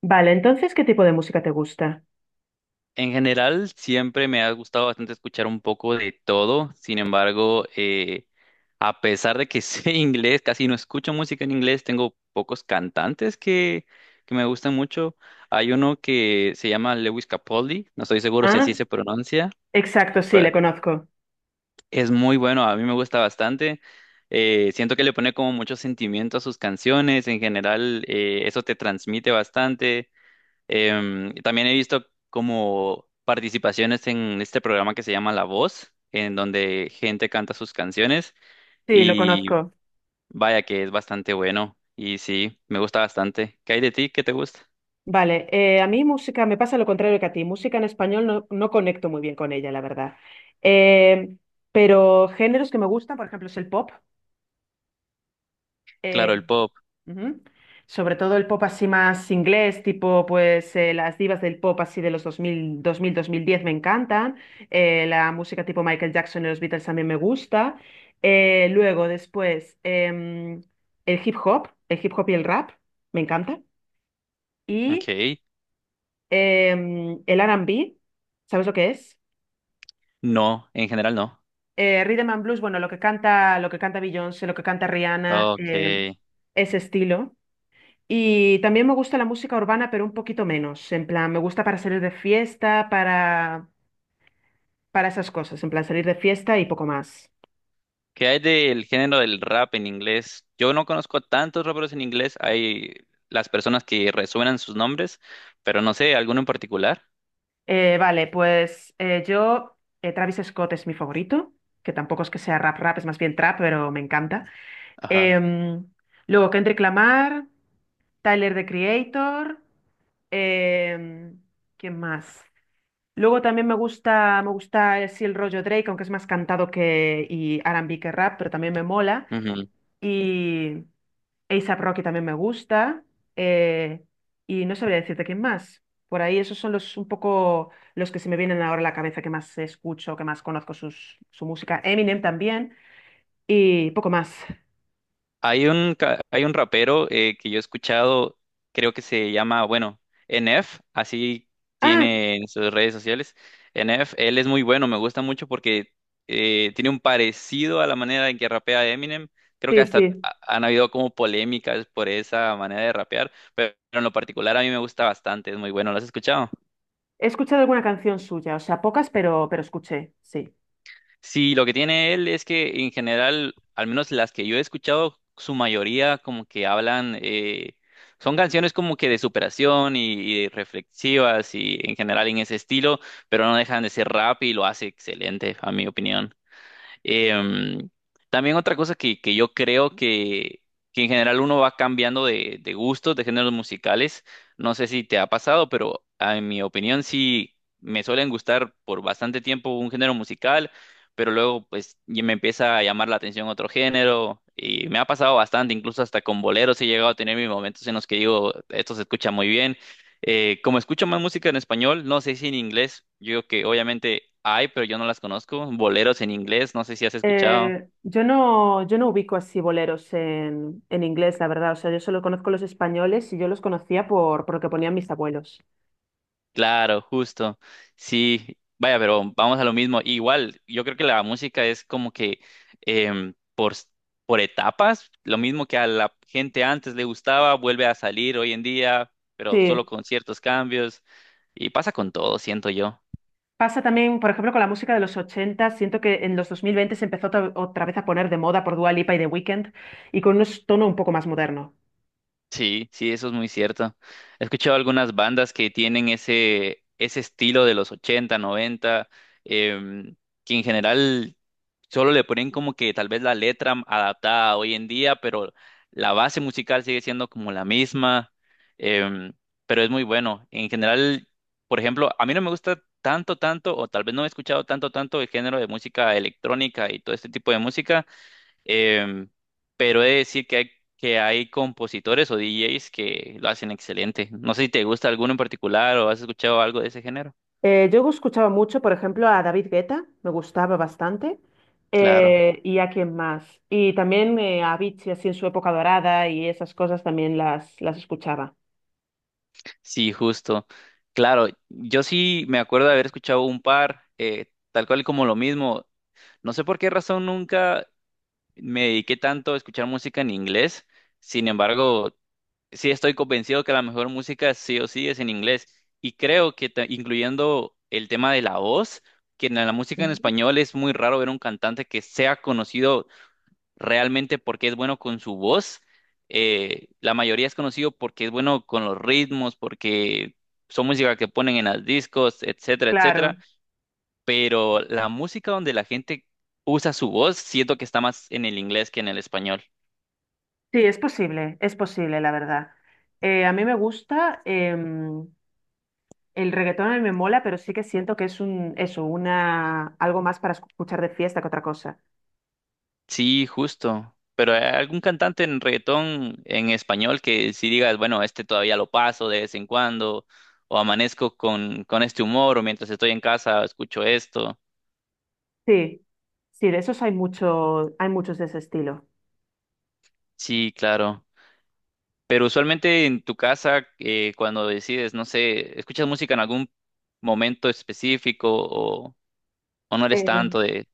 Vale, entonces, ¿qué tipo de música te gusta? En general, siempre me ha gustado bastante escuchar un poco de todo. Sin embargo, a pesar de que sé inglés, casi no escucho música en inglés, tengo pocos cantantes que me gustan mucho. Hay uno que se llama Lewis Capaldi, no estoy seguro si así Ah, se pronuncia, exacto, sí, pero le conozco. es muy bueno, a mí me gusta bastante. Siento que le pone como mucho sentimiento a sus canciones. En general, eso te transmite bastante. También he visto como participaciones en este programa que se llama La Voz, en donde gente canta sus canciones Sí, lo y conozco. vaya que es bastante bueno y sí, me gusta bastante. ¿Qué hay de ti? ¿Qué te gusta? Vale, a mí música me pasa lo contrario que a ti. Música en español no, no conecto muy bien con ella, la verdad. Eh, pero géneros que me gustan, por ejemplo, es el pop. Claro, eh, el pop. Ujú. Sobre todo el pop así más inglés, tipo pues las divas del pop así de los dos mil 2010 me encantan. La música tipo Michael Jackson y los Beatles también me gusta. Luego, después, el hip hop y el rap, me encanta. Ok. El R&B, ¿sabes lo que es? No, en general no. Rhythm and Blues, bueno, lo que canta Beyoncé, lo que canta Rihanna, Ok. Ese estilo. Y también me gusta la música urbana, pero un poquito menos. En plan, me gusta para salir de fiesta, para esas cosas. En plan, salir de fiesta y poco más. ¿Qué hay del género del rap en inglés? Yo no conozco tantos raperos en inglés. Hay las personas que resuenan sus nombres, pero no sé, ¿alguno en particular? Vale, pues yo, Travis Scott es mi favorito, que tampoco es que sea rap rap, es más bien trap, pero me encanta. Ajá. Em, luego Kendrick Lamar, Tyler, The Creator. Em, ¿qué más? Luego también me gusta así el rollo Drake, aunque es más cantado que y R&B que rap, pero también me mola. Y A$AP Rocky también me gusta. eh, y no sabría decirte quién más. Por ahí esos son los un poco los que se me vienen ahora a la cabeza que más escucho, que más conozco su música. Eminem también y poco más. Hay un rapero que yo he escuchado, creo que se llama, bueno, NF, así Ah, tiene en sus redes sociales. NF, él es muy bueno, me gusta mucho porque tiene un parecido a la manera en que rapea Eminem. Creo que sí, sí. Han habido como polémicas por esa manera de rapear, pero en lo particular a mí me gusta bastante, es muy bueno. ¿Lo has escuchado? He escuchado alguna canción suya, o sea, pocas, pero escuché, sí. Sí, lo que tiene él es que en general, al menos las que yo he escuchado, su mayoría como que hablan, son canciones como que de superación y reflexivas y en general en ese estilo, pero no dejan de ser rap y lo hace excelente, a mi opinión. Em, También otra cosa que yo creo que en general uno va cambiando de gustos, de géneros musicales. No sé si te ha pasado, pero en mi opinión sí me suelen gustar por bastante tiempo un género musical, pero luego pues y me empieza a llamar la atención otro género y me ha pasado bastante, incluso hasta con boleros he llegado a tener mis momentos en los que digo, esto se escucha muy bien. Como escucho más música en español, no sé si en inglés, yo digo que obviamente hay, pero yo no las conozco. Boleros en inglés, no sé si has escuchado. Yo no ubico así boleros en inglés, la verdad. O sea, yo solo conozco los españoles y yo los conocía por lo que ponían mis abuelos. Claro, justo. Sí, vaya, pero vamos a lo mismo. Igual, yo creo que la música es como que em, por, s- por etapas, lo mismo que a la gente antes le gustaba, vuelve a salir hoy en día, pero solo Sí. con ciertos cambios. Y pasa con todo, siento yo. Pasa también, por ejemplo, con la música de los ochenta. Siento que en los 2020 se empezó otra vez a poner de moda por Dua Lipa y The Weeknd y con un tono un poco más moderno. Sí, sí, eso es muy cierto. He escuchado algunas bandas que tienen ese estilo de los 80, 90, em, que en general solo le ponen como que tal vez la letra adaptada a hoy en día, pero la base musical sigue siendo como la misma, em, pero es muy bueno. En general, por ejemplo, a mí no me gusta tanto, o tal vez no he escuchado tanto el género de música electrónica y todo este tipo de música. Em, pero he de decir que hay compositores o DJs que lo hacen excelente. No sé si te gusta alguno en particular o has escuchado algo de ese género. Yo escuchaba mucho, por ejemplo, a David Guetta, me gustaba bastante. Claro, ¿Y a quién más? Y también a Avicii, así en su época dorada y esas cosas también las escuchaba. sí, justo. Claro, yo sí me acuerdo de haber escuchado un par, tal cual como lo mismo. No sé por qué razón nunca me dediqué tanto a escuchar música en inglés. Sin embargo, sí estoy convencido que la mejor música sí o sí es en inglés. Y creo que incluyendo el tema de la voz, que en la música en Ujú. español es muy raro ver un cantante que sea conocido realmente porque es bueno con su voz. La mayoría es conocido porque es bueno con los ritmos, porque son música que ponen en los discos, etcétera, Claro. etcétera. Pero la música donde la gente usa su voz, siento que está más en el inglés que en el español. Sí, es posible, la verdad. A mí me gusta, el reggaetón a mí me mola, pero sí que siento que es un, eso, una, algo más para escuchar de fiesta que otra cosa. Sí, justo. Pero ¿hay algún cantante en reggaetón en español que si digas, bueno, este todavía lo paso de vez en cuando, o amanezco con este humor, o mientras estoy en casa escucho esto? Sí, sí, de esos hay mucho, hay muchos de ese estilo. Sí, claro. Pero usualmente en tu casa, cuando decides, no sé, ¿escuchas música en algún momento específico o no eres Em, tanto de...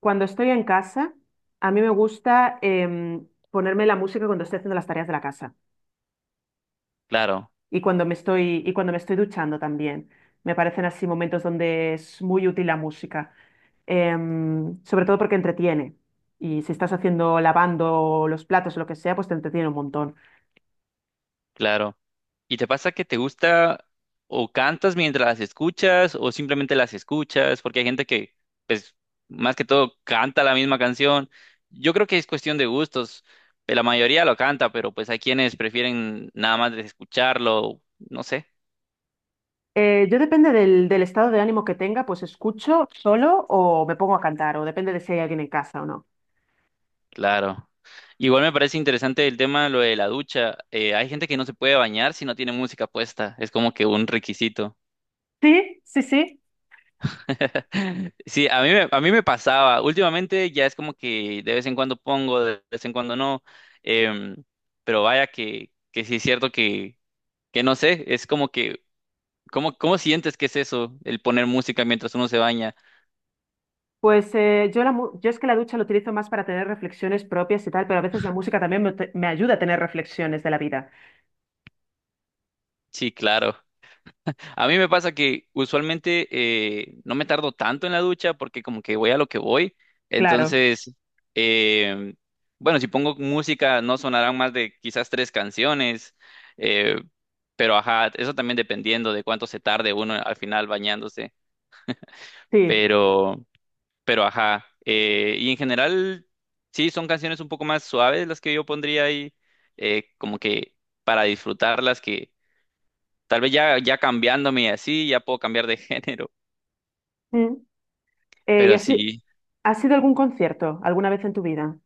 cuando estoy en casa, a mí me gusta ponerme la música cuando estoy haciendo las tareas de la casa. Claro, Y cuando me estoy duchando también. Me parecen así momentos donde es muy útil la música. Sobre todo porque entretiene. Y si estás haciendo, lavando los platos o lo que sea, pues te entretiene un montón. claro. ¿Y te pasa que te gusta o cantas mientras las escuchas o simplemente las escuchas? Porque hay gente que, pues, más que todo canta la misma canción. Yo creo que es cuestión de gustos. La mayoría lo canta, pero pues hay quienes prefieren nada más de escucharlo. No sé, Yo depende del estado de ánimo que tenga, pues escucho solo o me pongo a cantar, o depende de si hay alguien en casa o no. claro. Igual me parece interesante el tema, lo de la ducha. Hay gente que no se puede bañar si no tiene música puesta. Es como que un requisito. Sí, sí, sí. Sí, a mí me pasaba. Últimamente ya es como que de vez en cuando pongo, de vez en cuando no. em, pero vaya que sí es cierto que no sé, es como que, ¿cómo, cómo sientes que es eso, el poner música mientras uno se baña? Pues yo es que la ducha lo utilizo más para tener reflexiones propias y tal, pero a veces la música también me ayuda a tener reflexiones de la vida. Sí, claro. A mí me pasa que usualmente no me tardo tanto en la ducha porque como que voy a lo que voy. Claro, Entonces, eh, bueno, si pongo música no sonarán más de quizás tres canciones, eh, pero ajá, eso también dependiendo de cuánto se tarde uno al final bañándose. sí. Pero, pero ajá, y en general sí son canciones un poco más suaves las que yo pondría ahí, como que para disfrutarlas que tal vez ya cambiándome y así ya puedo cambiar de género. Mm. ¿Y Pero sí, has ido a algún concierto alguna vez en tu vida?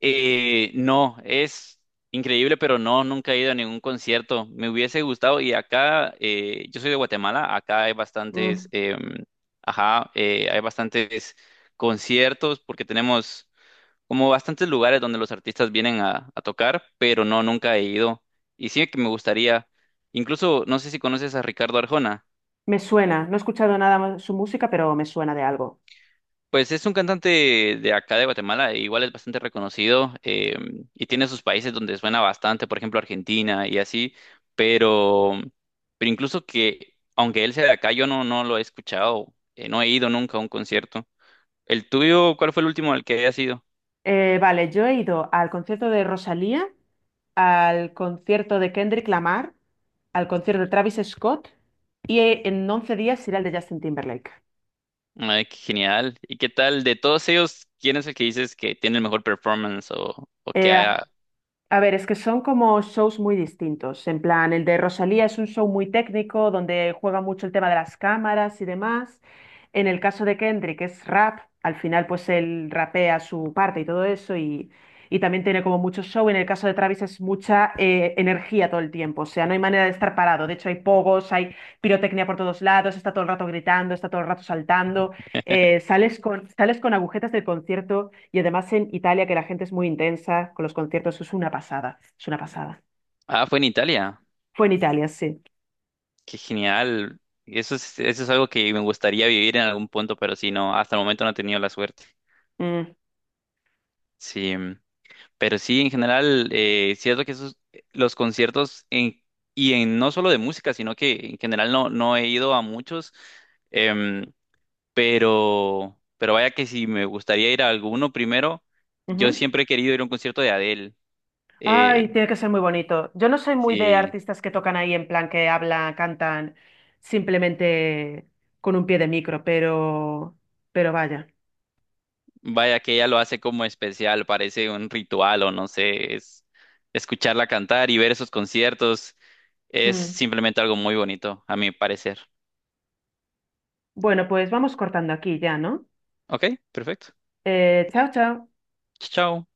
no, es increíble, pero no, nunca he ido a ningún concierto. Me hubiese gustado y acá, yo soy de Guatemala, acá hay Mm, bastantes, ajá, hay bastantes conciertos porque tenemos como bastantes lugares donde los artistas vienen a tocar, pero no, nunca he ido. Y sí que me gustaría, incluso, no sé si conoces a Ricardo Arjona. me suena, no he escuchado nada más de su música, pero me suena de algo. Pues es un cantante de acá de Guatemala, e igual es bastante reconocido, y tiene sus países donde suena bastante, por ejemplo Argentina y así, pero, pero incluso que, aunque él sea de acá, yo no lo he escuchado, no he ido nunca a un concierto. ¿El tuyo, cuál fue el último al que hayas ido? Vale, yo he ido al concierto de Rosalía, al concierto de Kendrick Lamar, al concierto de Travis Scott y en 11 días iré al de Justin Timberlake. Ay, qué genial. ¿Y qué tal? De todos ellos, ¿quién es el que dices que tiene el mejor performance o que Eh, ha... A ver, es que son como shows muy distintos. En plan, el de Rosalía es un show muy técnico donde juega mucho el tema de las cámaras y demás. En el caso de Kendrick es rap. Al final, pues él rapea su parte y todo eso y también tiene como mucho show. En el caso de Travis es mucha energía todo el tiempo. O sea, no hay manera de estar parado. De hecho, hay pogos, hay pirotecnia por todos lados, está todo el rato gritando, está todo el rato saltando. Sales con agujetas del concierto. Y además en Italia, que la gente es muy intensa con los conciertos, es una pasada, es una pasada. Ah, fue en Italia. Fue en Italia, sí. Qué genial. Eso es algo que me gustaría vivir en algún punto, pero sí, no, hasta el momento no he tenido la suerte. Mm, Sí, mm, pero sí, en general, cierto que esos, los conciertos y en no solo de música, sino que en general no he ido a muchos, em, pero vaya que si me gustaría ir a alguno primero, yo ujú. siempre he querido ir a un concierto de Adele. Ay, Eh, tiene que ser muy bonito. Yo no soy muy de sí, artistas que tocan ahí en plan que hablan, cantan simplemente con un pie de micro, pero vaya. Vaya que ella lo hace como especial, parece un ritual o no sé, es escucharla cantar y ver esos conciertos es Mm. simplemente algo muy bonito, a mi parecer. Bueno, pues vamos cortando aquí ya, ¿no? Ok, perfecto. Chao, chao. Chao.